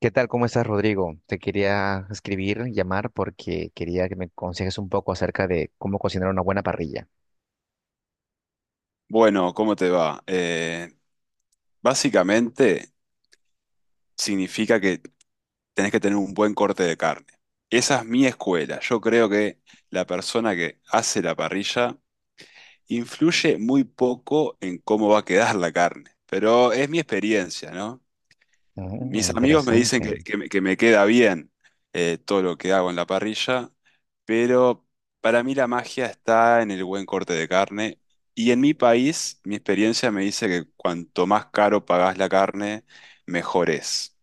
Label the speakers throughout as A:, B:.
A: ¿Qué tal? ¿Cómo estás, Rodrigo? Te quería escribir, llamar, porque quería que me aconsejes un poco acerca de cómo cocinar una buena parrilla.
B: Bueno, ¿cómo te va? Básicamente significa que tenés que tener un buen corte de carne. Esa es mi escuela. Yo creo que la persona que hace la parrilla influye muy poco en cómo va a quedar la carne, pero es mi experiencia, ¿no?
A: Mm,
B: Mis amigos me dicen
A: interesante.
B: que me queda bien, todo lo que hago en la parrilla, pero para mí la magia está en el buen corte de carne. Y en mi país, mi experiencia me dice que cuanto más caro pagás la carne, mejor es.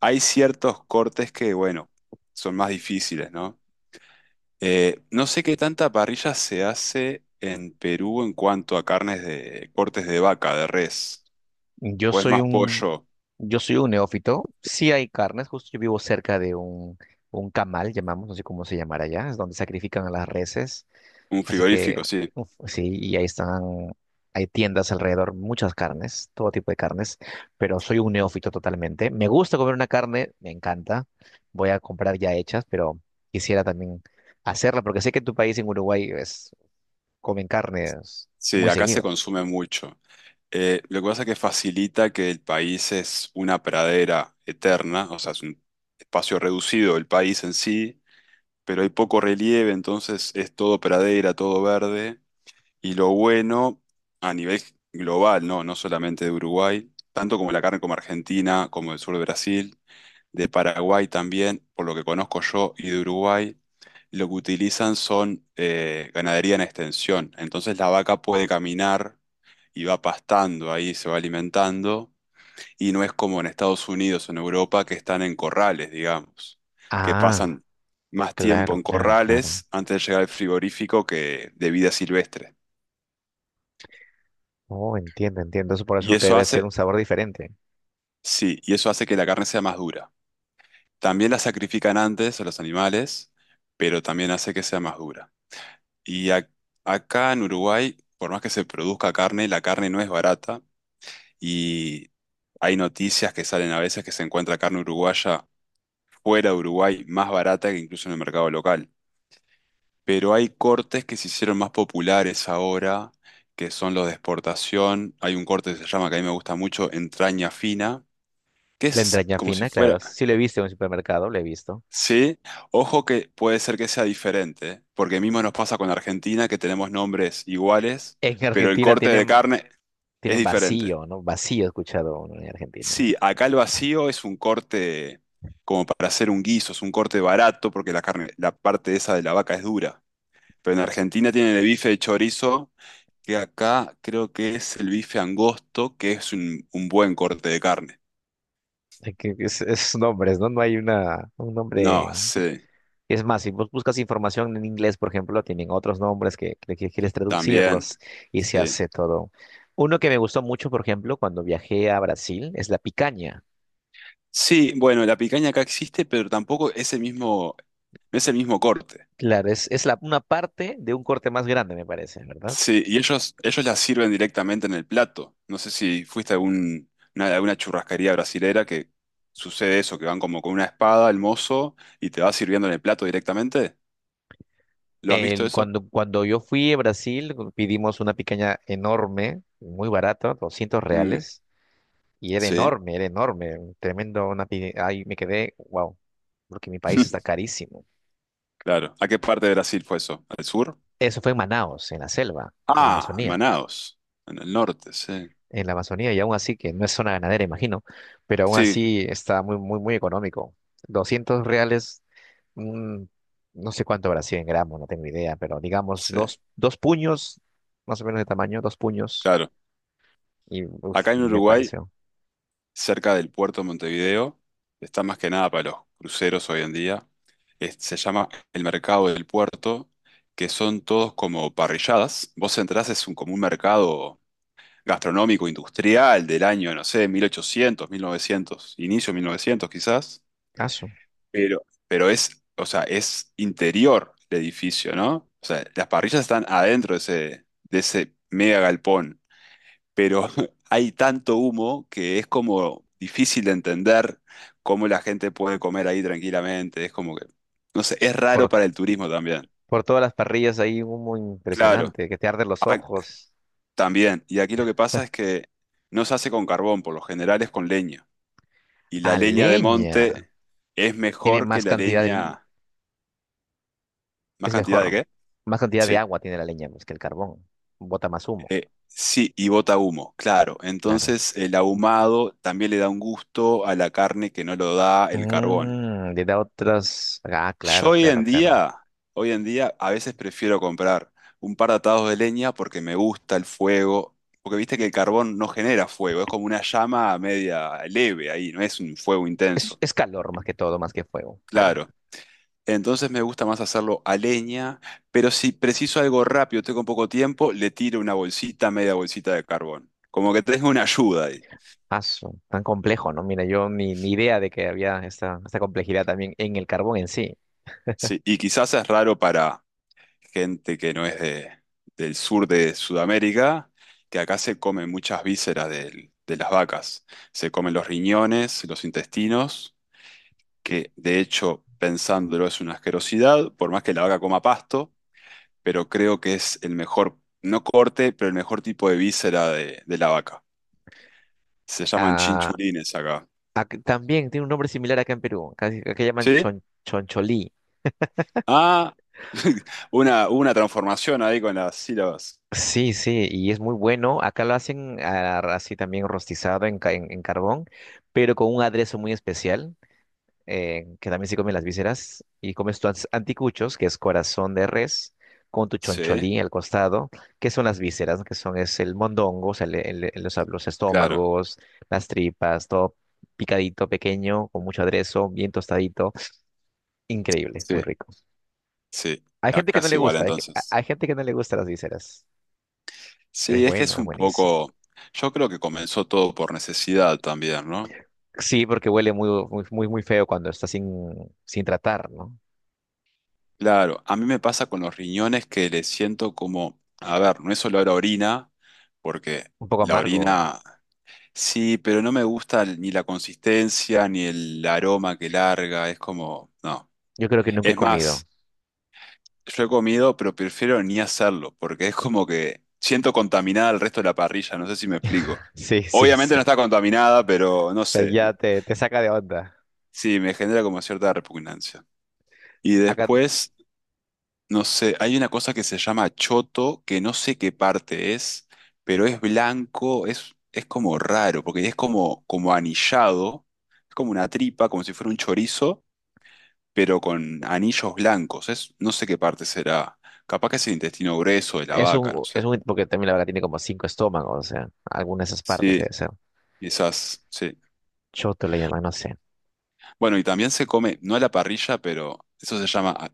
B: Hay ciertos cortes que, bueno, son más difíciles, ¿no? No sé qué tanta parrilla se hace en Perú en cuanto a carnes de cortes de vaca, de res,
A: Yo
B: o es
A: soy
B: más
A: un,
B: pollo,
A: yo soy un neófito. Sí hay carnes, justo yo vivo cerca de un camal, llamamos, no sé cómo se llamará allá, es donde sacrifican a las reses.
B: un
A: Así
B: frigorífico,
A: que,
B: sí.
A: uf, sí, y ahí están, hay tiendas alrededor, muchas carnes, todo tipo de carnes, pero soy un neófito totalmente. Me gusta comer una carne, me encanta. Voy a comprar ya hechas, pero quisiera también hacerla, porque sé que en tu país, en Uruguay, comen carnes
B: Sí,
A: muy
B: acá se
A: seguido.
B: consume mucho. Lo que pasa es que facilita que el país es una pradera eterna, o sea, es un espacio reducido el país en sí, pero hay poco relieve, entonces es todo pradera, todo verde. Y lo bueno a nivel global, ¿no? No solamente de Uruguay, tanto como la carne como Argentina, como el sur de Brasil de Paraguay también, por lo que conozco yo, y de Uruguay, lo que utilizan son ganadería en extensión. Entonces la vaca puede caminar y va pastando ahí, se va alimentando, y no es como en Estados Unidos o en Europa que están en corrales, digamos, que
A: Ah,
B: pasan más tiempo
A: claro,
B: en
A: claro, claro.
B: corrales antes de llegar al frigorífico que de vida silvestre.
A: Oh, entiendo, entiendo. Eso por
B: Y
A: eso
B: eso
A: debe ser
B: hace,
A: un sabor diferente.
B: sí, y eso hace que la carne sea más dura. También la sacrifican antes a los animales, pero también hace que sea más dura. Y ac- Acá en Uruguay, por más que se produzca carne, la carne no es barata y hay noticias que salen a veces que se encuentra carne uruguaya fuera de Uruguay más barata que incluso en el mercado local. Pero hay cortes que se hicieron más populares ahora, que son los de exportación. Hay un corte que se llama, que a mí me gusta mucho, entraña fina, que
A: La
B: es
A: entraña
B: como si
A: fina, claro.
B: fuera...
A: Sí lo he visto en un supermercado, lo he visto.
B: Sí, ojo que puede ser que sea diferente, porque mismo nos pasa con Argentina, que tenemos nombres iguales
A: En
B: pero el
A: Argentina
B: corte de
A: tienen.
B: carne, es
A: Tienen
B: diferente.
A: vacío, ¿no? Vacío he escuchado uno en Argentina.
B: Sí, acá el vacío es un corte como para hacer un guiso, es un corte barato porque la carne, la parte esa de la vaca es dura. Pero en Argentina tienen el bife de chorizo, que acá creo que es el bife angosto, que es un buen corte de carne.
A: Es nombres, ¿no? No hay un
B: No,
A: nombre.
B: sí,
A: Es más, si vos buscas información en inglés, por ejemplo, tienen otros nombres que quieres
B: también,
A: traducirlos y se
B: sí.
A: hace todo. Uno que me gustó mucho, por ejemplo, cuando viajé a Brasil, es la picaña.
B: Sí, bueno, la picaña acá existe, pero tampoco es el mismo, no es el mismo corte.
A: Claro, es una parte de un corte más grande, me parece, ¿verdad?
B: Sí, y ellos las sirven directamente en el plato. No sé si fuiste a algún, alguna churrascaría brasilera que sucede eso, que van como con una espada el mozo y te va sirviendo en el plato directamente. ¿Lo has visto eso?
A: Cuando yo fui a Brasil, pidimos una picaña enorme, muy barata, doscientos
B: Mm,
A: reales, y
B: sí,
A: era enorme, un tremendo, una pi- ahí me quedé, wow, porque mi país está carísimo.
B: claro. ¿A qué parte de Brasil fue eso? ¿Al sur?
A: Eso fue en Manaos, en la selva, en la
B: Ah, en
A: Amazonía,
B: Manaos, en el norte, sí.
A: y aún así, que no es zona ganadera, imagino, pero aún
B: Sí,
A: así está muy, muy, muy económico. 200 reales, mm, no sé cuánto habrá sido en gramos, no tengo idea, pero digamos
B: sí,
A: dos, dos puños, más o menos de tamaño, dos puños.
B: claro.
A: Y uf,
B: Acá en
A: me
B: Uruguay
A: pareció.
B: cerca del puerto de Montevideo. Está más que nada para los cruceros hoy en día. Se llama el mercado del puerto, que son todos como parrilladas. Vos entrás, es un, como un mercado gastronómico industrial del año, no sé, 1800 1900, inicio 1900 quizás.
A: Aso.
B: Pero, pero es, o sea, es interior el edificio, ¿no? O sea, las parrillas están adentro de ese mega galpón, pero hay tanto humo que es como difícil de entender cómo la gente puede comer ahí tranquilamente. Es como que, no sé, es raro
A: Por,
B: para el turismo también.
A: por todas las parrillas hay humo
B: Claro,
A: impresionante, que te arde los
B: ac-
A: ojos.
B: también. Y aquí lo que pasa es que no se hace con carbón, por lo general es con leña. Y
A: A
B: la leña de
A: leña.
B: monte es
A: Tiene
B: mejor que
A: más
B: la
A: cantidad de li-.
B: leña... ¿Más
A: Es
B: cantidad de
A: mejor.
B: qué?
A: Más cantidad de
B: Sí.
A: agua tiene la leña, pues, que el carbón. Bota más humo,
B: Sí, y bota humo, claro.
A: claro.
B: Entonces el ahumado también le da un gusto a la carne que no lo da el carbón.
A: Le da otras. Ah,
B: Yo
A: claro, claro, claro.
B: hoy en día a veces prefiero comprar un par de atados de leña porque me gusta el fuego, porque viste que el carbón no genera fuego, es como una llama media leve ahí, no es un fuego
A: Es,
B: intenso,
A: es calor más que todo, más que fuego, claro.
B: claro. Entonces me gusta más hacerlo a leña, pero si preciso algo rápido, tengo poco tiempo, le tiro una bolsita, media bolsita de carbón. Como que tengo una ayuda ahí.
A: Aso, tan complejo, ¿no? Mira, yo ni idea de que había esta complejidad también en el carbón en sí.
B: Sí, y quizás es raro para gente que no es de, del sur de Sudamérica, que acá se comen muchas vísceras de las vacas. Se comen los riñones, los intestinos, que de hecho, pensándolo, es una asquerosidad, por más que la vaca coma pasto, pero creo que es el mejor, no corte, pero el mejor tipo de víscera de la vaca. Se llaman
A: Ah,
B: chinchulines acá.
A: También tiene un nombre similar acá en Perú. Acá llaman
B: ¿Sí?
A: choncholí.
B: Ah, una transformación ahí con las sílabas.
A: Sí, sí, y es muy bueno. Acá lo hacen así también rostizado en carbón, pero con un aderezo muy especial, que también se comen las vísceras, y comes tus anticuchos, que es corazón de res, con tu
B: Sí,
A: choncholí al costado, que son las vísceras, ¿no? que son es el mondongo, o sea, los
B: claro,
A: estómagos, las tripas, todo picadito, pequeño, con mucho aderezo, bien tostadito. Increíble, muy
B: sí,
A: rico.
B: sí.
A: Hay gente que
B: Acá
A: no
B: es
A: le
B: igual
A: gusta, hay, ge- a-
B: entonces.
A: hay gente que no le gusta las vísceras, pero es
B: Sí, es que
A: bueno,
B: es
A: es
B: un
A: buenísimo.
B: poco, yo creo que comenzó todo por necesidad también, ¿no?
A: Sí, porque huele muy, muy, muy, muy feo cuando está sin tratar, ¿no?
B: Claro, a mí me pasa con los riñones que le siento como, a ver, no es solo la orina, porque
A: Un poco
B: la
A: amargo.
B: orina, sí, pero no me gusta ni la consistencia ni el aroma que larga, es como, no.
A: Yo creo que nunca he
B: Es
A: comido.
B: más, yo he comido, pero prefiero ni hacerlo, porque es como que siento contaminada el resto de la parrilla, no sé si me explico.
A: Sí, sí,
B: Obviamente
A: sí.
B: no está contaminada, pero no sé,
A: Ya te saca de onda.
B: sí, me genera como cierta repugnancia. Y
A: Acá
B: después, no sé, hay una cosa que se llama choto, que no sé qué parte es, pero es blanco, es como raro, porque es como, como anillado, es como una tripa, como si fuera un chorizo, pero con anillos blancos. Es, no sé qué parte será. Capaz que es el intestino grueso de la vaca, no
A: es
B: sé.
A: un, porque también la vaca tiene como cinco estómagos, o sea, alguna de esas partes debe
B: Sí,
A: ser.
B: quizás, sí.
A: Choto le llaman, no sé.
B: Bueno, y también se come, no a la parrilla, pero eso se llama ah,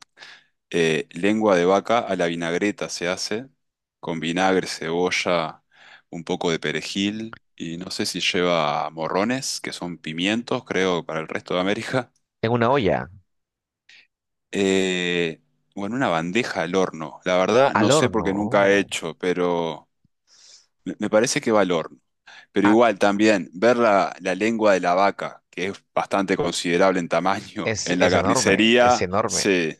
B: eh, lengua de vaca a la vinagreta, se hace con vinagre, cebolla, un poco de perejil, y no sé si lleva morrones, que son pimientos, creo, para el resto de América.
A: En una olla,
B: Eh, bueno, una bandeja al horno. La verdad,
A: al
B: no sé
A: horno.
B: porque nunca he
A: Oh.
B: hecho, pero me parece que va al horno. Pero
A: Ah,
B: igual también, ver la, la lengua de la vaca, que es bastante considerable en tamaño,
A: es,
B: en la
A: es enorme, es
B: carnicería,
A: enorme.
B: sí.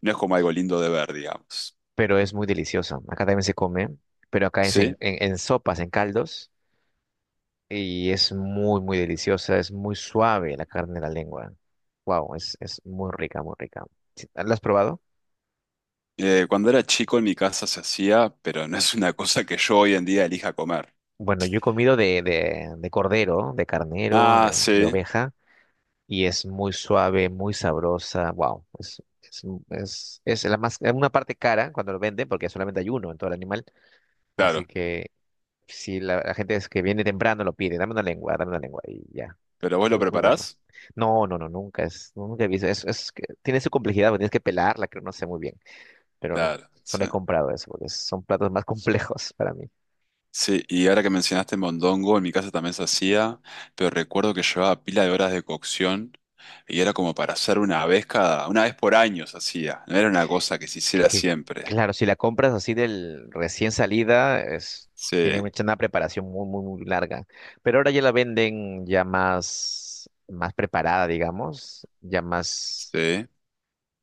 B: No es como algo lindo de ver, digamos.
A: Pero es muy deliciosa. Acá también se come, pero acá es
B: ¿Sí?
A: en sopas, en caldos, y es muy, muy deliciosa, es muy suave la carne de la lengua. Wow, es muy rica, muy rica. Sí, ¿la has probado?
B: Cuando era chico en mi casa se hacía, pero no es una cosa que yo hoy en día elija comer.
A: Bueno, yo he comido de, de cordero, de carnero,
B: Ah,
A: de
B: sí,
A: oveja, y es muy suave, muy sabrosa. Wow, es, es una parte cara cuando lo venden, porque solamente hay uno en todo el animal, así
B: claro.
A: que. Si la gente es que viene temprano lo pide, dame una lengua y ya.
B: ¿Pero
A: Es
B: vos lo
A: muy, muy bueno.
B: preparás?
A: No, no, no, nunca he visto. Es que tiene su complejidad, porque tienes que pelarla, creo, no sé muy bien. Pero no,
B: Claro,
A: solo
B: sí.
A: he comprado eso, porque son platos más complejos para mí.
B: Sí, y ahora que mencionaste mondongo, en mi casa también se hacía, pero recuerdo que llevaba pila de horas de cocción y era como para hacer una vez cada, una vez por año se hacía, no era una cosa que se hiciera
A: Que,
B: siempre.
A: claro, si la compras así del recién salida, tiene
B: Sí,
A: mucha una preparación muy, muy, muy larga. Pero ahora ya la venden ya más preparada, digamos, ya más,
B: sí.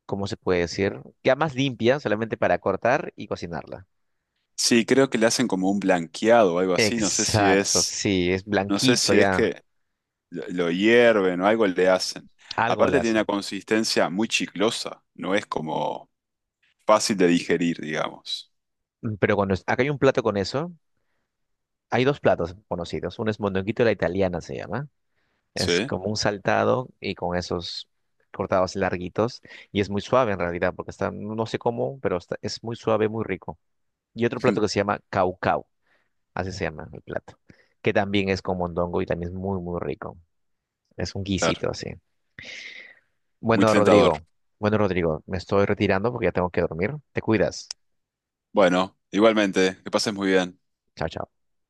A: ¿cómo se puede decir? Ya más limpia, solamente para cortar y cocinarla.
B: Sí, creo que le hacen como un blanqueado o algo así,
A: Exacto, sí, es
B: no sé
A: blanquito
B: si es
A: ya.
B: que lo hierven o algo le hacen.
A: Algo le
B: Aparte tiene una
A: hacen.
B: consistencia muy chiclosa, no es como fácil de digerir, digamos.
A: Pero acá hay un plato con eso, hay dos platos conocidos. Uno es mondonguito a la italiana, se llama. Es
B: Sí,
A: como un saltado y con esos cortados larguitos. Y es muy suave en realidad, porque está, no sé cómo, pero es muy suave, muy rico. Y otro plato que se llama caucau, así se llama el plato, que también es con mondongo y también es muy, muy rico. Es un
B: claro,
A: guisito así.
B: muy
A: Bueno,
B: tentador.
A: Rodrigo, bueno, Rodrigo, me estoy retirando porque ya tengo que dormir. Te cuidas.
B: Bueno, igualmente, que pases muy bien.
A: Chao, chao.